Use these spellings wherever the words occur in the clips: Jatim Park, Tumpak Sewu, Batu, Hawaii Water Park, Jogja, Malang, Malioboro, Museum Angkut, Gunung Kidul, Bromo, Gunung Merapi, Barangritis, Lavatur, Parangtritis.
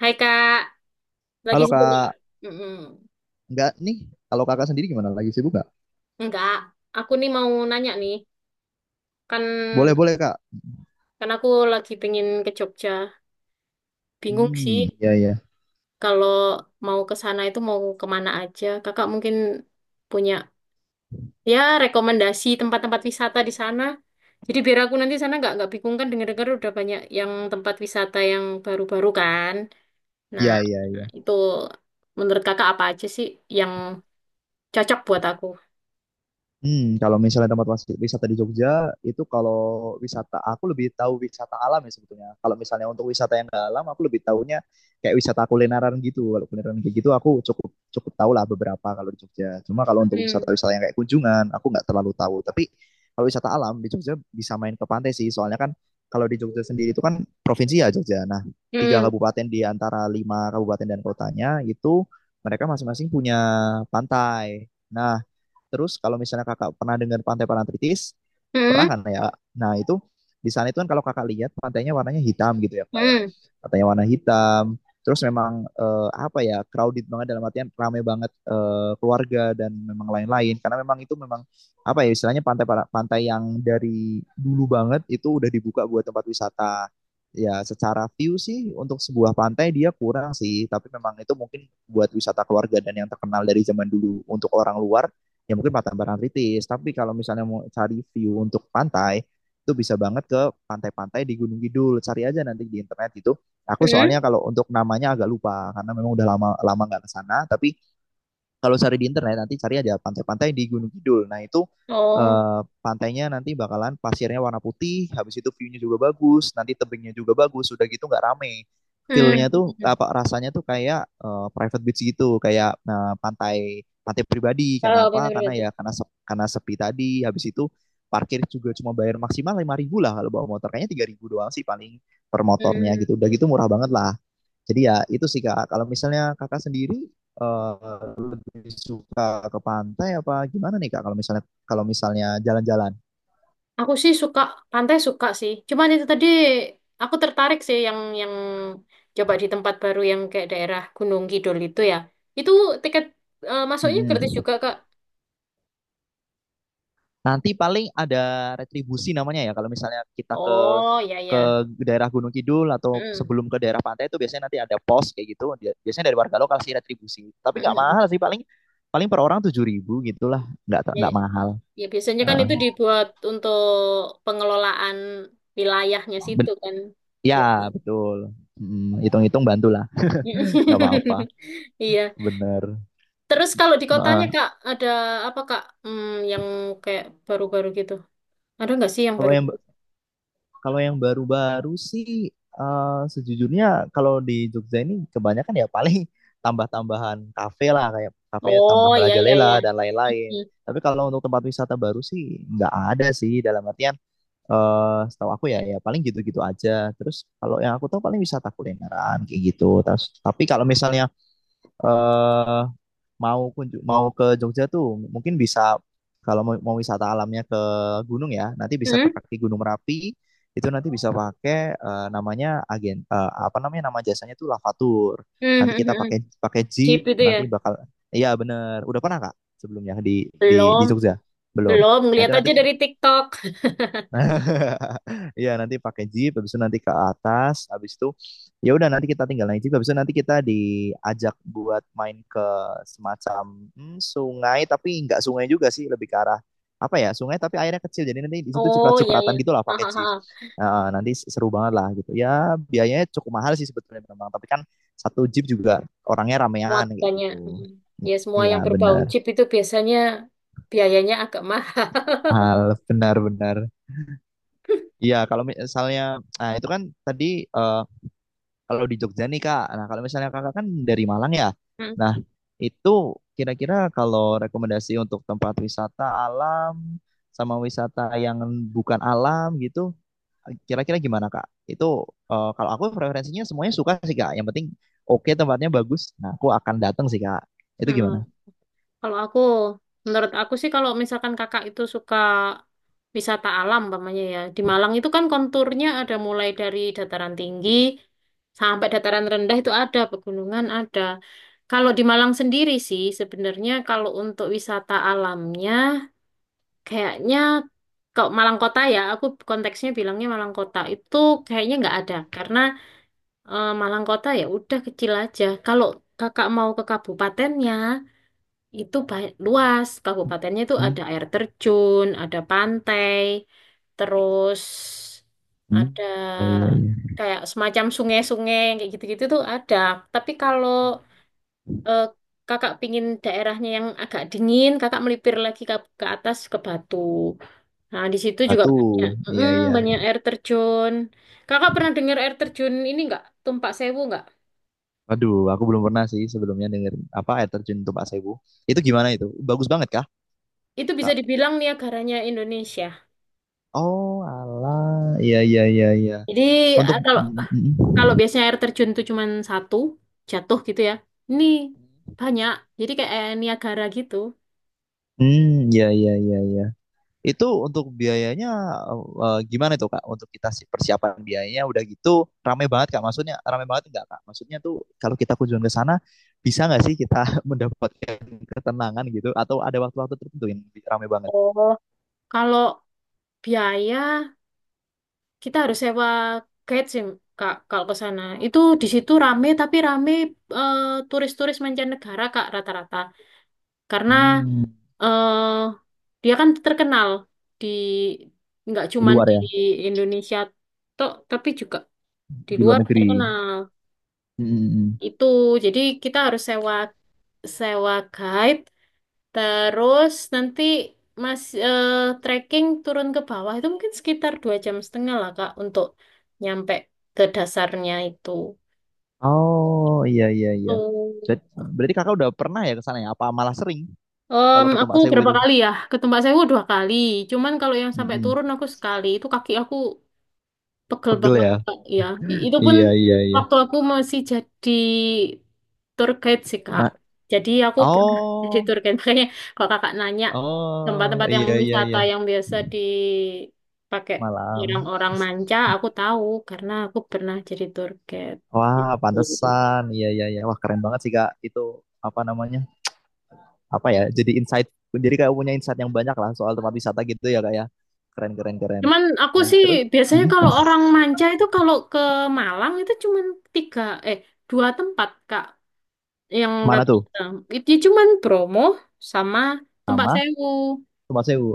Hai Kak, lagi Halo sibuk nggak? Kak, Mm-mm. enggak nih. Kalau Kakak sendiri gimana? Lagi sibuk nggak? Nggak, aku nih mau nanya nih, kan Boleh, boleh Kak. kan aku lagi pengen ke Jogja. Bingung sih Hmm, iya, iya. kalau mau ke sana itu mau kemana aja. Kakak mungkin punya ya rekomendasi tempat-tempat wisata di sana. Jadi biar aku nanti sana nggak bingung kan dengar-dengar udah banyak yang tempat wisata yang baru-baru kan. Nah Iya, iya, iya. itu menurut kakak apa aja sih yang cocok buat aku? Hmm, kalau misalnya tempat wisata di Jogja itu kalau wisata aku lebih tahu wisata alam ya sebetulnya. Kalau misalnya untuk wisata yang nggak alam aku lebih tahunya kayak wisata kulineran gitu. Kalau kulineran kayak gitu aku cukup cukup tahu lah beberapa kalau di Jogja. Cuma kalau untuk Hmm. wisata-wisata yang kayak kunjungan aku nggak terlalu tahu. Tapi kalau wisata alam di Jogja bisa main ke pantai sih. Soalnya kan kalau di Jogja sendiri itu kan provinsi ya Jogja. Nah, tiga Hmm. kabupaten di antara lima kabupaten dan kotanya itu mereka masing-masing punya pantai. Nah, terus kalau misalnya kakak pernah dengar pantai Parangtritis, Hmm. pernah kan ya? Nah itu di sana itu kan kalau kakak lihat pantainya warnanya hitam gitu ya kak ya. Hmm. Pantainya warna hitam. Terus memang apa ya crowded banget dalam artian ramai banget keluarga dan memang lain-lain. Karena memang itu memang apa ya istilahnya pantai pantai yang dari dulu banget itu udah dibuka buat tempat wisata, ya secara view sih untuk sebuah pantai dia kurang sih, tapi memang itu mungkin buat wisata keluarga dan yang terkenal dari zaman dulu untuk orang luar ya mungkin Pantai Barangritis. Tapi kalau misalnya mau cari view untuk pantai, itu bisa banget ke pantai-pantai di Gunung Kidul. Cari aja nanti di internet itu. Aku Hmm? soalnya kalau untuk namanya agak lupa karena memang udah lama lama nggak ke sana. Tapi kalau cari di internet nanti cari ada pantai-pantai di Gunung Kidul. Nah, itu Oh. Pantainya nanti bakalan pasirnya warna putih, habis itu view-nya juga bagus, nanti tebingnya juga bagus, udah gitu nggak rame. Hmm. Feel-nya tuh apa rasanya tuh kayak private beach gitu, kayak nah, pantai pantai pribadi. Tahu Kenapa? pantai Karena berarti. ya karena sepi tadi, habis itu parkir juga cuma bayar maksimal 5.000 lah kalau bawa motor. Kayaknya 3.000 doang sih paling per motornya gitu. Udah Hmm. gitu murah banget lah. Jadi ya itu sih Kak, kalau misalnya Kakak sendiri lebih suka ke pantai apa gimana nih Kak kalau misalnya jalan-jalan? Aku sih suka pantai suka sih. Cuman itu tadi aku tertarik sih yang coba di tempat baru yang kayak daerah Gunung Kidul itu ya. Itu tiket masuknya gratis Mm-mm. juga, Kak. Nanti paling ada retribusi namanya ya kalau misalnya kita Oh, ya ke ya. daerah Gunung Kidul atau Hmm. sebelum ke daerah pantai itu biasanya nanti ada pos kayak gitu. Biasanya dari warga lokal sih retribusi. Tapi nggak Hmm. mahal sih paling paling per orang 7.000 gitulah, nggak Ya, nggak mahal. ya biasanya kan itu Heeh. dibuat untuk pengelolaan wilayahnya situ Ben- kan ya biasanya. betul. Mm, hitung-hitung bantulah, nggak apa-apa. Iya, Bener. Terus kalau di kotanya Nah, Kak, ada apa Kak? Hmm, yang kayak baru-baru gitu. Ada nggak sih yang kalau baru? yang kalau yang baru-baru sih sejujurnya kalau di Jogja ini kebanyakan ya paling tambah-tambahan kafe lah kayak kafe tambah Oh, iya, iya, iya. merajalela dan lain-lain. Hmm. Tapi kalau untuk tempat wisata baru sih nggak ada sih dalam artian setahu aku ya ya paling gitu-gitu aja. Terus kalau yang aku tahu paling wisata kulineran kayak gitu. Terus tapi kalau misalnya eh mau ke Jogja tuh mungkin bisa, kalau mau, wisata alamnya ke gunung ya, nanti bisa ke Hmm? kaki Gunung Merapi. Itu nanti bisa pakai namanya agen apa namanya nama jasanya tuh Lavatur. Hmm, Nanti hmm, hmm, kita hmm. pakai pakai jeep, Jeep itu ya? nanti bakal iya bener. Udah pernah Kak sebelumnya di Belum. Jogja? Belum. Belum, Nah, itu ngeliat nanti aja dari TikTok. iya nanti pakai jeep, habis itu nanti ke atas, habis itu ya udah nanti kita tinggal naik jeep, habis itu nanti kita diajak buat main ke semacam hmm, sungai, tapi nggak sungai juga sih, lebih ke arah apa ya sungai tapi airnya kecil, jadi nanti di situ Oh, iya, ciprat-cipratan iya. gitu lah pakai jeep. Hahaha. Nah, nanti seru banget lah gitu. Ya biayanya cukup mahal sih sebetulnya memang, tapi kan satu jeep juga orangnya Muat ramean kayak banyak. gitu. Hmm. Ya, semua Iya yang berbau benar, Jeep itu biasanya biayanya agak mahal. hal benar-benar. Iya, kalau misalnya, nah itu kan tadi eh, kalau di Jogja nih Kak, nah kalau misalnya Kakak kan dari Malang ya, nah Hmm. itu kira-kira kalau rekomendasi untuk tempat wisata alam sama wisata yang bukan alam gitu, kira-kira gimana Kak? Itu kalau aku preferensinya semuanya suka sih Kak, yang penting oke tempatnya bagus, nah aku akan datang sih Kak. Itu Hmm. gimana? Kalau aku, menurut aku sih kalau misalkan kakak itu suka wisata alam, umpamanya ya, di Malang itu kan konturnya ada mulai dari dataran tinggi sampai dataran rendah itu ada, pegunungan ada. Kalau di Malang sendiri sih, sebenarnya kalau untuk wisata alamnya, kayaknya kalau Malang Kota ya, aku konteksnya bilangnya Malang Kota itu kayaknya nggak ada, karena Malang Kota ya udah kecil aja. Kalau kakak mau ke kabupatennya, itu luas, kabupatennya itu Hmm, ada air terjun, ada pantai, terus hmm, ada iya, iya, iya. kayak semacam sungai-sungai kayak gitu-gitu tuh ada. Tapi kalau eh, kakak pingin daerahnya yang agak dingin, kakak melipir lagi ke atas ke Batu. Nah, di situ juga Batu, banyak, iya iya. banyak air terjun. Kakak pernah dengar air terjun ini nggak? Tumpak Sewu nggak? Aduh, aku belum pernah sih sebelumnya denger apa air terjun Tumpak Sewu. Itu gimana itu? Bagus banget kah? Itu bisa Kak? dibilang Niagaranya Indonesia. Oh, alah. Iya, iya, iya, iya. Jadi Untuk kalau mm, mm, Kalau mm. biasanya air terjun tuh cuma satu jatuh gitu ya. Ini banyak. Jadi kayak air Niagara gitu. Hmm, iya, iya, iya, iya. Itu untuk biayanya eh, gimana tuh, Kak? Untuk kita persiapan biayanya, udah gitu rame banget, Kak? Maksudnya rame banget enggak, Kak? Maksudnya tuh kalau kita kunjungan ke sana bisa nggak sih kita mendapatkan ketenangan gitu, atau ada waktu-waktu tertentu yang rame banget? Oh. Kalau biaya kita harus sewa guide sih Kak kalau ke sana. Itu di situ rame tapi rame eh, turis-turis mancanegara Kak rata-rata. Karena Hmm, eh dia kan terkenal di nggak di cuman luar di ya, Indonesia tok tapi juga di di luar luar negeri. terkenal. Mm, mm, mm. Itu jadi kita harus sewa sewa guide terus nanti mas eh, trekking turun ke bawah itu mungkin sekitar 2,5 jam lah Kak untuk nyampe ke dasarnya itu Oh, iya, iya, iya. tuh. Jadi berarti Kakak udah pernah ya ke sana ya? Apa malah sering kalau ke Aku Tumpak Sewu berapa itu? kali ya ke Mbak Sewu 2 kali cuman kalau yang sampai Mm-mm. turun aku sekali itu kaki aku pegel Pegel banget, ya. Kak. Ya, itu pun Iya iya iya. waktu aku masih jadi tour guide sih, Kak. Ma- Jadi aku pernah jadi oh tour guide. Makanya kalau kakak nanya oh tempat-tempat yang iya iya wisata iya. yang biasa dipakai Malam. orang-orang manca, aku tahu karena aku pernah jadi tour guide. Wah Oh. pantesan. Iya iya iya. Wah keren banget sih kak itu apa namanya apa ya jadi insight, jadi kayak punya insight yang banyak lah soal tempat wisata gitu ya kak ya, keren keren keren. Cuman aku Nah sih terus biasanya mm, kalau orang manca itu kalau ke Malang itu cuman tiga, eh dua tempat, Kak, yang mana tuh rata-rata. Itu cuman Bromo sama Tempat sama Sewu. tempat sewu.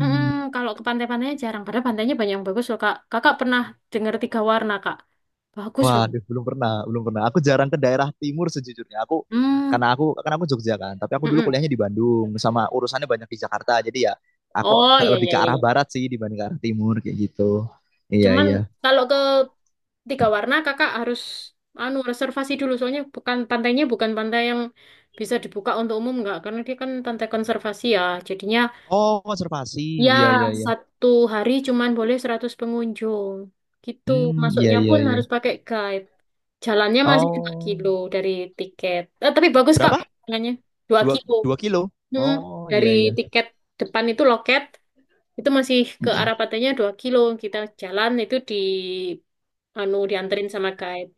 Mm-mm, kalau ke pantai-pantainya jarang. Padahal pantainya banyak yang bagus loh, Kak. Kakak pernah dengar tiga warna, Kak. Bagus banget. waduh, belum pernah, belum pernah. Aku jarang ke daerah timur sejujurnya. Aku Hmm. karena aku karena aku Jogja kan, tapi aku dulu Mm-mm. kuliahnya di Bandung sama urusannya banyak di Jakarta. Jadi ya aku Oh, ke, iya, lebih iya, ke iya. arah Iya. barat sih dibanding ke arah timur kayak gitu. Iya, Cuman iya. kalau ke tiga warna, kakak harus anu reservasi dulu. Soalnya bukan pantainya bukan pantai yang bisa dibuka untuk umum, nggak. Karena dia kan pantai konservasi ya. Jadinya Oh, konservasi. ya Iya, iya, iya. satu hari cuman boleh 100 pengunjung. Gitu. Hmm, iya, Masuknya iya, pun iya. harus pakai guide. Jalannya masih dua Oh, kilo dari tiket. Tapi bagus Kak berapa? pemandangannya. Dua Dua, kilo. dua kilo. Mm-mm. Oh, Dari iya, iya. tiket depan itu loket itu masih ke arah pantainya 2 kilo. Kita jalan itu di anu dianterin sama guide.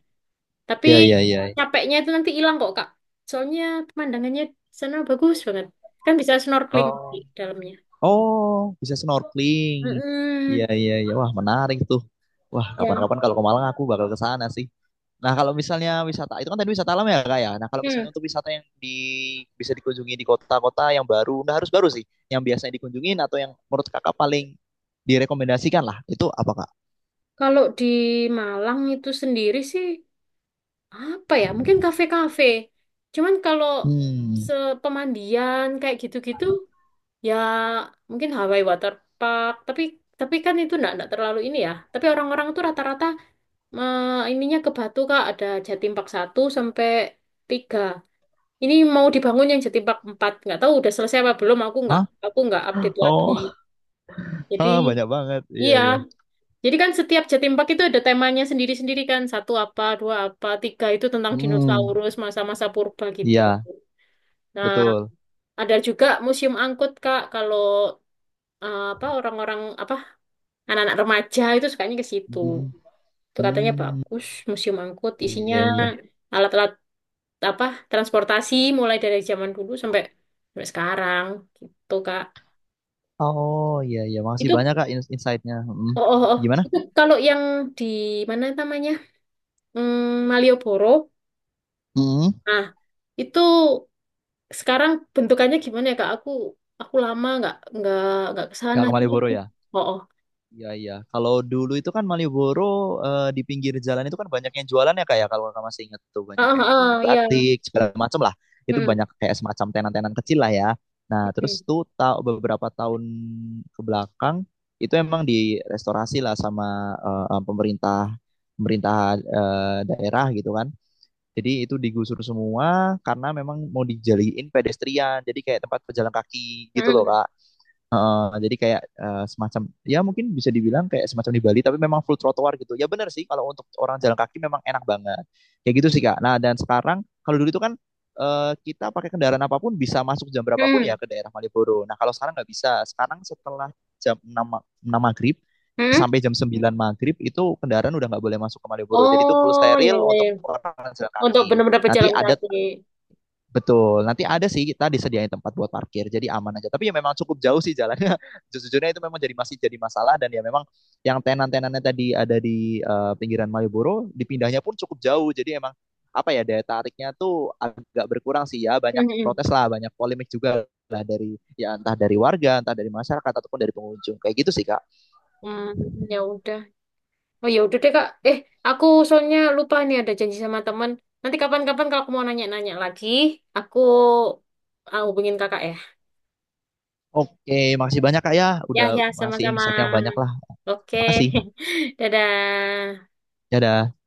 Tapi Iya, iya, iya. capeknya itu nanti hilang kok Kak. Soalnya pemandangannya di sana bagus banget. Kan bisa snorkeling di Oh, dalamnya. oh, bisa snorkeling. Iya, Mm-mm. iya, iya. Wah, menarik tuh. Wah, Ya. kapan-kapan kalau ke Malang aku bakal ke sana sih. Nah, kalau misalnya wisata itu kan tadi wisata alam ya, Kak ya. Nah, kalau Hmm. misalnya untuk wisata yang di bisa dikunjungi di kota-kota yang baru, nah harus baru sih, yang biasanya dikunjungin atau yang menurut Kakak paling direkomendasikan lah, itu apa, Kak? Kalau di Malang itu sendiri sih apa ya mungkin kafe-kafe cuman kalau Hmm, sepemandian kayak gitu-gitu ya mungkin Hawaii Water Park, tapi kan itu enggak terlalu ini ya, tapi orang-orang tuh rata-rata ininya ke Batu Kak, ada Jatim Park 1 sampai 3. Ini mau dibangun yang Jatim Park 4, nggak tahu udah selesai apa belum, hah? aku nggak update lagi. Oh, Jadi ah, banyak banget. Iya, iya, iya. jadi kan setiap Jatim itu ada temanya sendiri-sendiri kan. Satu apa, dua apa, tiga itu tentang Hmm, dinosaurus, masa-masa purba gitu. iya, Nah, betul. ada juga museum angkut, Kak. Kalau apa orang-orang apa anak-anak remaja itu sukanya ke situ. Hmm, Itu katanya hmm, bagus, museum angkut isinya iya, iya. alat-alat apa transportasi mulai dari zaman dulu sampai sampai sekarang gitu, Kak. Oh, iya, iya. Makasih Itu banyak, Kak, insight-nya. Mm. oh, oh, oh. Gimana? Itu kalau yang di mana namanya? Hmm, Malioboro Hmm. Nah, itu sekarang bentukannya gimana ya Kak? Aku lama nggak ke sana Kak ke Malioboro gitu. ya? Oh, oh. Iya iya. Kalau dulu itu kan Malioboro di pinggir jalan itu kan banyak yang jualan ya kayak kalau kamu masih ingat tuh banyak Ah, kayak ah, jualan ah, iya. batik segala macam lah. Itu Hmm. banyak kayak semacam tenan-tenan kecil lah ya. Nah terus Hmm. tuh tahu beberapa tahun ke belakang itu emang direstorasi lah sama pemerintah pemerintah daerah gitu kan. Jadi itu digusur semua karena memang mau dijadiin pedestrian. Jadi kayak tempat pejalan kaki gitu loh Hmm. Kak. Jadi kayak semacam ya mungkin bisa dibilang kayak semacam di Bali tapi memang full trotoar gitu. Ya benar sih kalau untuk orang jalan kaki memang enak banget. Kayak gitu sih Kak. Nah, dan sekarang kalau dulu itu kan kita pakai kendaraan apapun bisa masuk jam berapapun ya Hmm. ke daerah Malioboro. Nah, kalau sekarang nggak bisa. Sekarang setelah jam 6 6 maghrib Hmm. sampai jam 9 maghrib itu kendaraan udah nggak boleh masuk ke Malioboro. Jadi itu full Oh, ya steril ya ya. untuk orang jalan Untuk kaki. benar-benar Nanti berjalan ada kaki. betul, nanti ada sih kita disediain tempat buat parkir, jadi aman aja. Tapi ya memang cukup jauh sih jalannya. Sejujurnya itu memang jadi masih jadi masalah dan ya memang yang tenan-tenannya tadi ada di pinggiran Malioboro, dipindahnya pun cukup jauh. Jadi emang apa ya daya tariknya tuh agak berkurang sih ya. Banyak Hmm. Hmm. protes lah, banyak polemik juga lah, dari ya entah dari warga, entah dari masyarakat ataupun dari pengunjung. Kayak gitu sih, Kak. Hmm, ya udah. Oh, ya udah deh Kak. Aku soalnya lupa nih ada janji sama teman. Nanti kapan-kapan kalau aku mau nanya-nanya lagi, aku hubungin Kakak ya. Oke, makasih banyak Kak ya Ya, udah ya, masih sama-sama. insight yang banyak lah. Oke, Makasih. Dadah. Dadah.